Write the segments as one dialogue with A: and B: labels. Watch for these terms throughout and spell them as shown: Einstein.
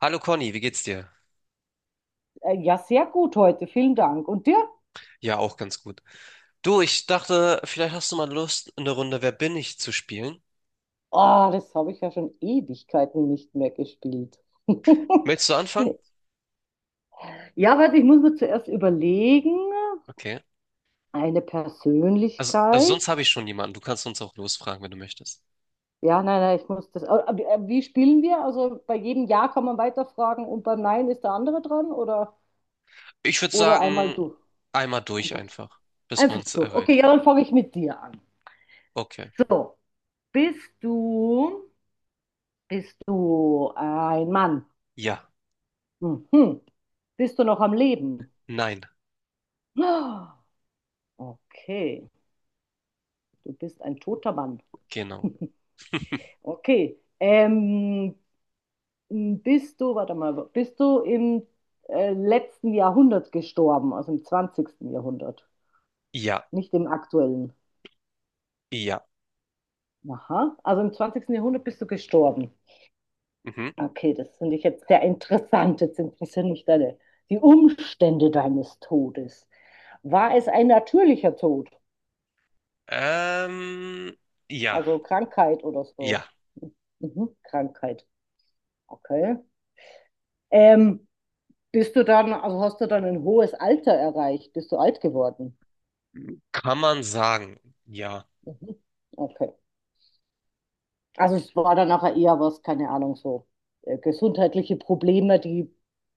A: Hallo Conny, wie geht's dir?
B: Ja, sehr gut heute. Vielen Dank. Und dir?
A: Ja, auch ganz gut. Du, ich dachte, vielleicht hast du mal Lust, eine Runde Wer bin ich zu spielen.
B: Ah, das habe ich ja schon Ewigkeiten nicht mehr gespielt.
A: Möchtest du anfangen?
B: Ja, warte, ich muss mir zuerst überlegen.
A: Okay.
B: Eine
A: Also
B: Persönlichkeit.
A: sonst habe ich schon jemanden. Du kannst uns auch losfragen, wenn du möchtest.
B: Ja, nein, nein, ich muss das. Aber wie wie spielen wir? Also bei jedem Ja kann man weiterfragen und beim Nein ist der andere dran,
A: Ich würde
B: oder einmal
A: sagen,
B: durch.
A: einmal durch
B: Einfach,
A: einfach, bis man
B: einfach
A: es
B: durch. Okay,
A: errät.
B: ja, dann fange ich mit dir an.
A: Okay.
B: So, bist du, bist du ein Mann?
A: Ja.
B: Mhm. Bist du noch am Leben?
A: Nein.
B: Ah, okay, du bist ein toter Mann.
A: Genau.
B: Okay, warte mal, bist du im letzten Jahrhundert gestorben, also im zwanzigsten Jahrhundert,
A: Ja.
B: nicht im aktuellen?
A: Ja.
B: Aha, also im zwanzigsten Jahrhundert bist du gestorben.
A: Mhm.
B: Okay, das finde ich jetzt sehr interessant. Jetzt interessieren mich die Umstände deines Todes. War es ein natürlicher Tod,
A: Ähm, ja.
B: also Krankheit oder so?
A: Ja.
B: Mhm, Krankheit, okay. Ähm, Bist du dann, also hast du dann ein hohes Alter erreicht? Bist du alt geworden?
A: Kann man sagen. Ja.
B: Mhm. Okay. Also es war dann nachher eher was, keine Ahnung, so gesundheitliche Probleme, die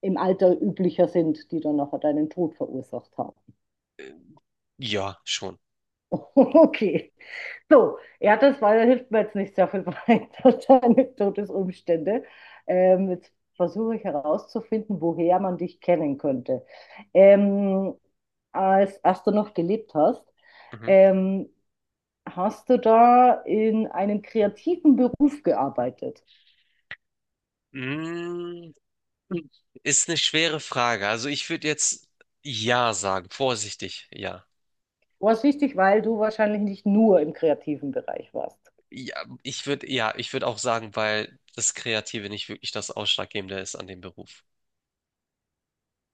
B: im Alter üblicher sind, die dann nachher deinen Tod verursacht haben.
A: Ja, schon.
B: Okay. So, ja, hilft mir jetzt nicht sehr viel weiter, deine Todesumstände. Jetzt versuche ich herauszufinden, woher man dich kennen könnte. Ähm, als du noch gelebt hast,
A: Mhm.
B: ähm, hast du da in einem kreativen Beruf gearbeitet?
A: Mm, ist eine schwere Frage. Also ich würde jetzt ja sagen, vorsichtig, ja.
B: Was wichtig, weil du wahrscheinlich nicht nur im kreativen Bereich warst.
A: Ja, ich würde auch sagen, weil das Kreative nicht wirklich das Ausschlaggebende ist an dem Beruf.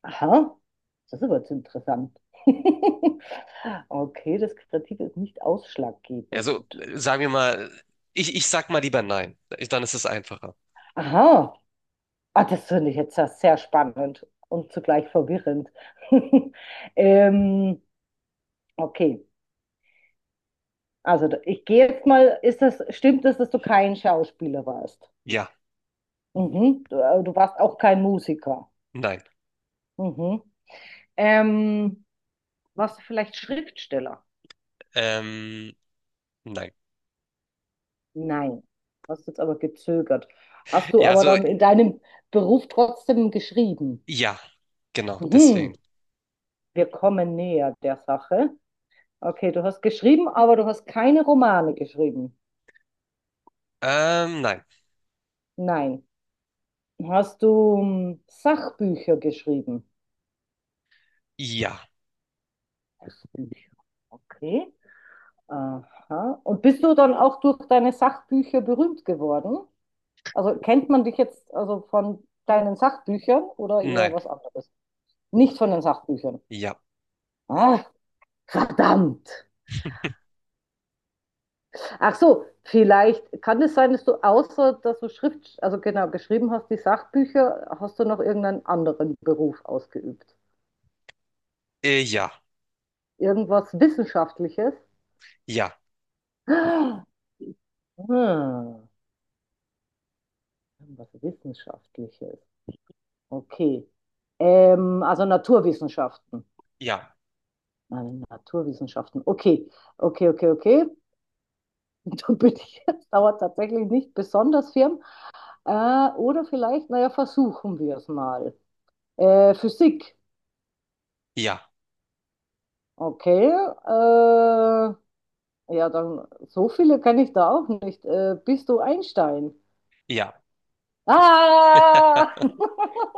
B: Aha, das ist aber jetzt interessant. Okay, das Kreative ist nicht
A: Also
B: ausschlaggebend.
A: sagen wir mal, ich sag mal lieber nein. Dann ist es einfacher.
B: Aha, ah, das finde ich jetzt ja sehr spannend und zugleich verwirrend. Ähm, okay, also ich gehe jetzt mal, stimmt es, dass du kein Schauspieler warst?
A: Ja,
B: Mhm. Du, du warst auch kein Musiker.
A: nein.
B: Mhm. Ähm, warst du vielleicht Schriftsteller?
A: Ähm, nein.
B: Nein. Hast jetzt aber gezögert. Hast du
A: Ja,
B: aber
A: so,
B: dann in deinem Beruf trotzdem geschrieben?
A: ja, genau,
B: Mhm.
A: deswegen.
B: Wir kommen näher der Sache. Okay, du hast geschrieben, aber du hast keine Romane geschrieben.
A: Nein.
B: Nein. Hast du hm, Sachbücher geschrieben?
A: Ja,
B: Sachbücher. Okay. Aha. Und bist du dann auch durch deine Sachbücher berühmt geworden? Also kennt man dich jetzt also von deinen Sachbüchern oder eher
A: nein,
B: was anderes? Nicht von den Sachbüchern.
A: ja,
B: Ah, verdammt. Ach so, vielleicht kann es sein, dass du außer dass du also genau, geschrieben hast, die Sachbücher, hast du noch irgendeinen anderen Beruf ausgeübt?
A: ja,
B: Irgendwas Wissenschaftliches?
A: ja,
B: Ah, hm, was Wissenschaftliches. Okay. Also Naturwissenschaften.
A: ja,
B: Nein, Naturwissenschaften. Okay, okay, okay, okay. Und dann bin ich, das dauert tatsächlich nicht besonders firm. Äh, oder vielleicht, naja, versuchen wir es mal. Physik,
A: ja,
B: okay. Ja, dann so viele kann ich da auch nicht. Bist du Einstein?
A: ja.
B: Ah!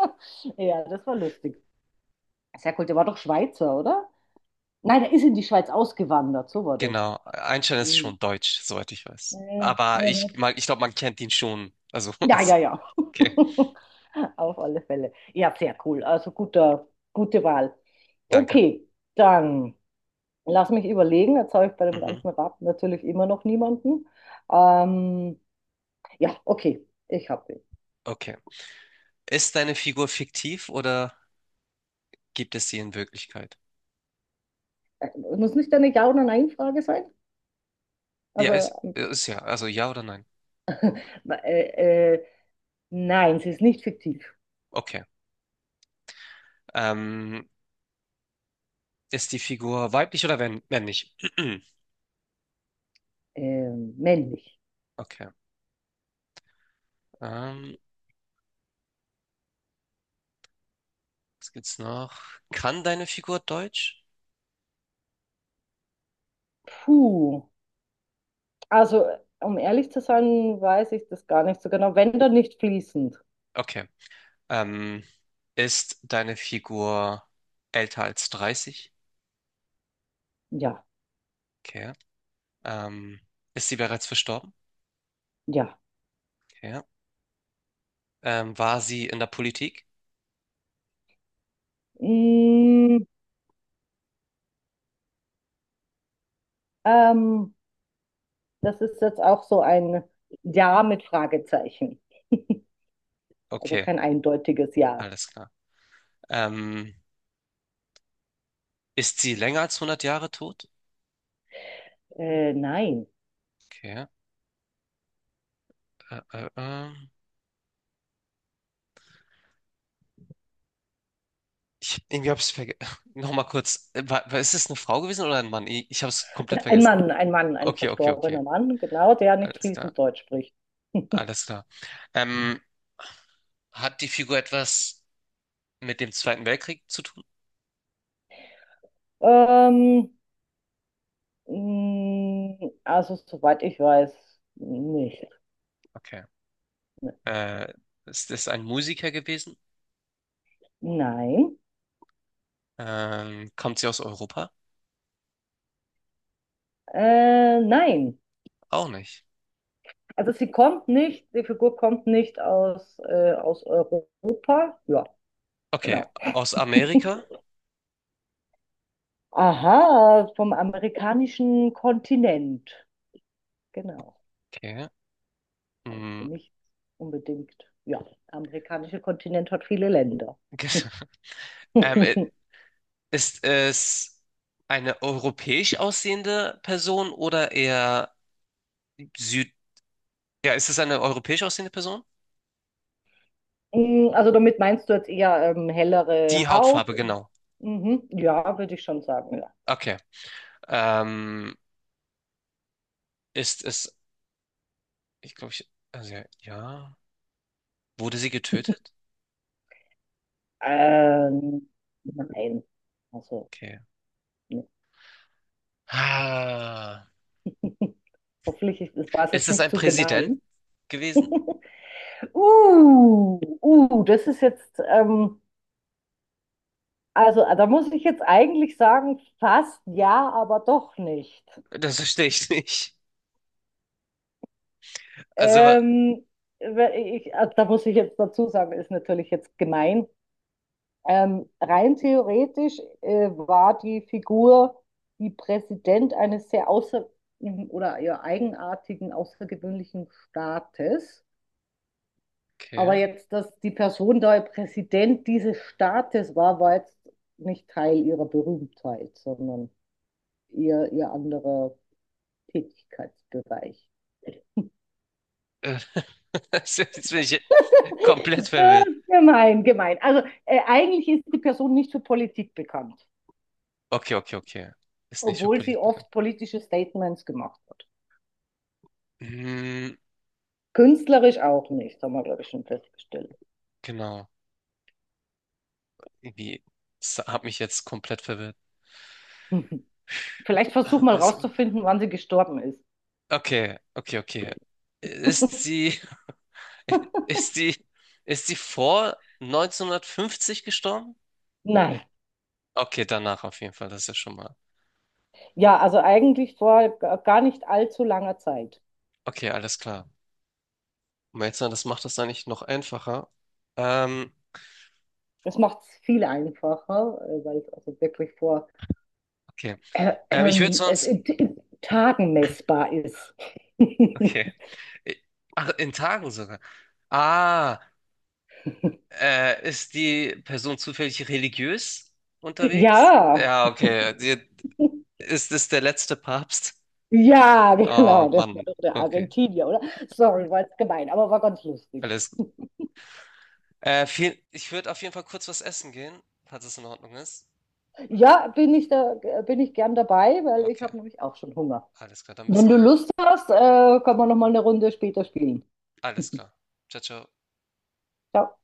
B: Ja, das war lustig. Sehr cool. Der war doch Schweizer, oder? Nein, der ist in die Schweiz ausgewandert. So war das.
A: Genau, Einstein ist
B: Mhm.
A: schon deutsch, soweit ich weiß. Aber ich glaube, man kennt ihn schon. Also,
B: Ja, ja, ja.
A: okay,
B: Auf alle Fälle. Ja, sehr cool. Also gute Wahl.
A: danke.
B: Okay, dann lass mich überlegen. Jetzt habe ich bei dem
A: Mhm.
B: ganzen Rat natürlich immer noch niemanden. Ähm, ja, okay, ich habe.
A: Okay. Ist deine Figur fiktiv oder gibt es sie in Wirklichkeit?
B: Muss nicht eine Ja- oder Nein-Frage sein?
A: Ja,
B: Also,
A: ist ja. Also ja oder nein?
B: äh, äh, nein, sie ist nicht fiktiv.
A: Okay. Ähm, ist die Figur weiblich oder wenn, männlich?
B: Männlich.
A: Okay. Ähm, was gibt's noch? Kann deine Figur Deutsch?
B: Puh. Also, um ehrlich zu sein, weiß ich das gar nicht so genau. Wenn dann nicht fließend.
A: Okay. Ähm, ist deine Figur älter als 30?
B: Ja,
A: Okay. Ähm, ist sie bereits verstorben?
B: ja.
A: Okay. War sie in der Politik?
B: Mm. Ähm, das ist jetzt auch so ein Ja mit Fragezeichen. Also
A: Okay,
B: kein eindeutiges Ja.
A: alles klar. Ähm, ist sie länger als hundert Jahre tot?
B: Nein.
A: Okay. Äh, äh, äh. Ich, irgendwie hab's vergessen. Nochmal kurz. Ist es eine Frau gewesen oder ein Mann? Ich hab's komplett vergessen.
B: Ein Mann, ein
A: Okay, okay, okay.
B: verstorbener Mann, genau, der nicht
A: Alles klar.
B: fließend Deutsch spricht.
A: Alles klar. Ähm, hat die Figur etwas mit dem Zweiten Weltkrieg zu tun?
B: Ähm, mh, also, soweit ich weiß, nicht.
A: Okay. Äh, ist es ein Musiker gewesen?
B: Nein.
A: Kommt sie aus Europa?
B: Nein.
A: Auch nicht.
B: Also sie kommt nicht, die Figur kommt nicht aus, aus Europa. Ja,
A: Okay,
B: genau.
A: aus Amerika.
B: Aha, vom amerikanischen Kontinent. Genau.
A: Okay.
B: Also
A: Mm,
B: nicht unbedingt. Ja, der amerikanische Kontinent hat viele Länder.
A: ähm, ist es eine europäisch aussehende Person oder eher Süd... Ja, ist es eine europäisch aussehende Person?
B: Mm, also damit meinst du jetzt eher hellere
A: Die
B: Haut?
A: Hautfarbe, genau.
B: Mhm. Ja, würde ich schon sagen, ja.
A: Okay. Ähm, ist es, ich glaube, ich, also ja, ja. Wurde sie getötet?
B: Ähm, nein. Also,
A: Okay.
B: ne.
A: Ah.
B: Hoffentlich das war es
A: Ist
B: jetzt
A: es
B: nicht
A: ein
B: zu
A: Präsident
B: gemein.
A: gewesen?
B: Das ist jetzt. Also, da muss ich jetzt eigentlich sagen, fast ja, aber doch nicht.
A: Das verstehe ich nicht. Also, wa-
B: Ähm, also, da muss ich jetzt dazu sagen, ist natürlich jetzt gemein. Rein theoretisch war die Figur, die Präsident eines sehr außer oder eher eigenartigen, außergewöhnlichen Staates. Aber
A: okay.
B: jetzt, dass die Person da Präsident dieses Staates war, war jetzt nicht Teil ihrer Berühmtheit, sondern ihr anderer. Tätigkeitsbereich.
A: Äh, Jetzt bin ich komplett
B: Ja,
A: verwirrt.
B: gemein, gemein. Also eigentlich ist die Person nicht für Politik bekannt,
A: Okay, okay, okay. Ist nicht für
B: obwohl sie
A: Politik bekannt.
B: oft politische Statements gemacht hat.
A: Hm,
B: Künstlerisch auch nicht, haben wir, glaube ich, schon festgestellt.
A: genau. Irgendwie, das hat mich jetzt komplett verwirrt.
B: Vielleicht versuch
A: Ah,
B: mal
A: was-
B: rauszufinden, wann sie gestorben ist.
A: Okay, okay, okay. Ist sie, ist sie, ist sie vor 1950 gestorben?
B: Nein.
A: Okay, danach auf jeden Fall, das ist ja schon mal.
B: Ja, also eigentlich vor gar nicht allzu langer Zeit.
A: Okay, alles klar. Melzer, das macht das eigentlich noch einfacher. Ähm,
B: Das macht es viel einfacher, weil es also wirklich vor
A: okay. Ich würde
B: es
A: sonst.
B: in Tagen messbar ist.
A: Okay. Äh, Ach, in Tagen sogar. Ah. Ist die Person zufällig religiös unterwegs?
B: Ja,
A: Ja, okay. Die, ist es der letzte Papst?
B: ja,
A: Oh
B: genau, der war
A: Mann,
B: doch der
A: okay.
B: Argentinier, oder? Sorry, war jetzt gemein, aber war ganz lustig.
A: Alles gut. Ich würde auf jeden Fall kurz was essen gehen, falls es in Ordnung ist.
B: Ja, bin ich gern dabei, weil ich
A: Okay,
B: habe nämlich auch schon Hunger.
A: alles klar, dann bis
B: Wenn du
A: gleich.
B: Lust hast, kann man noch mal eine Runde später spielen.
A: Alles klar. Ciao, ciao.
B: Ciao.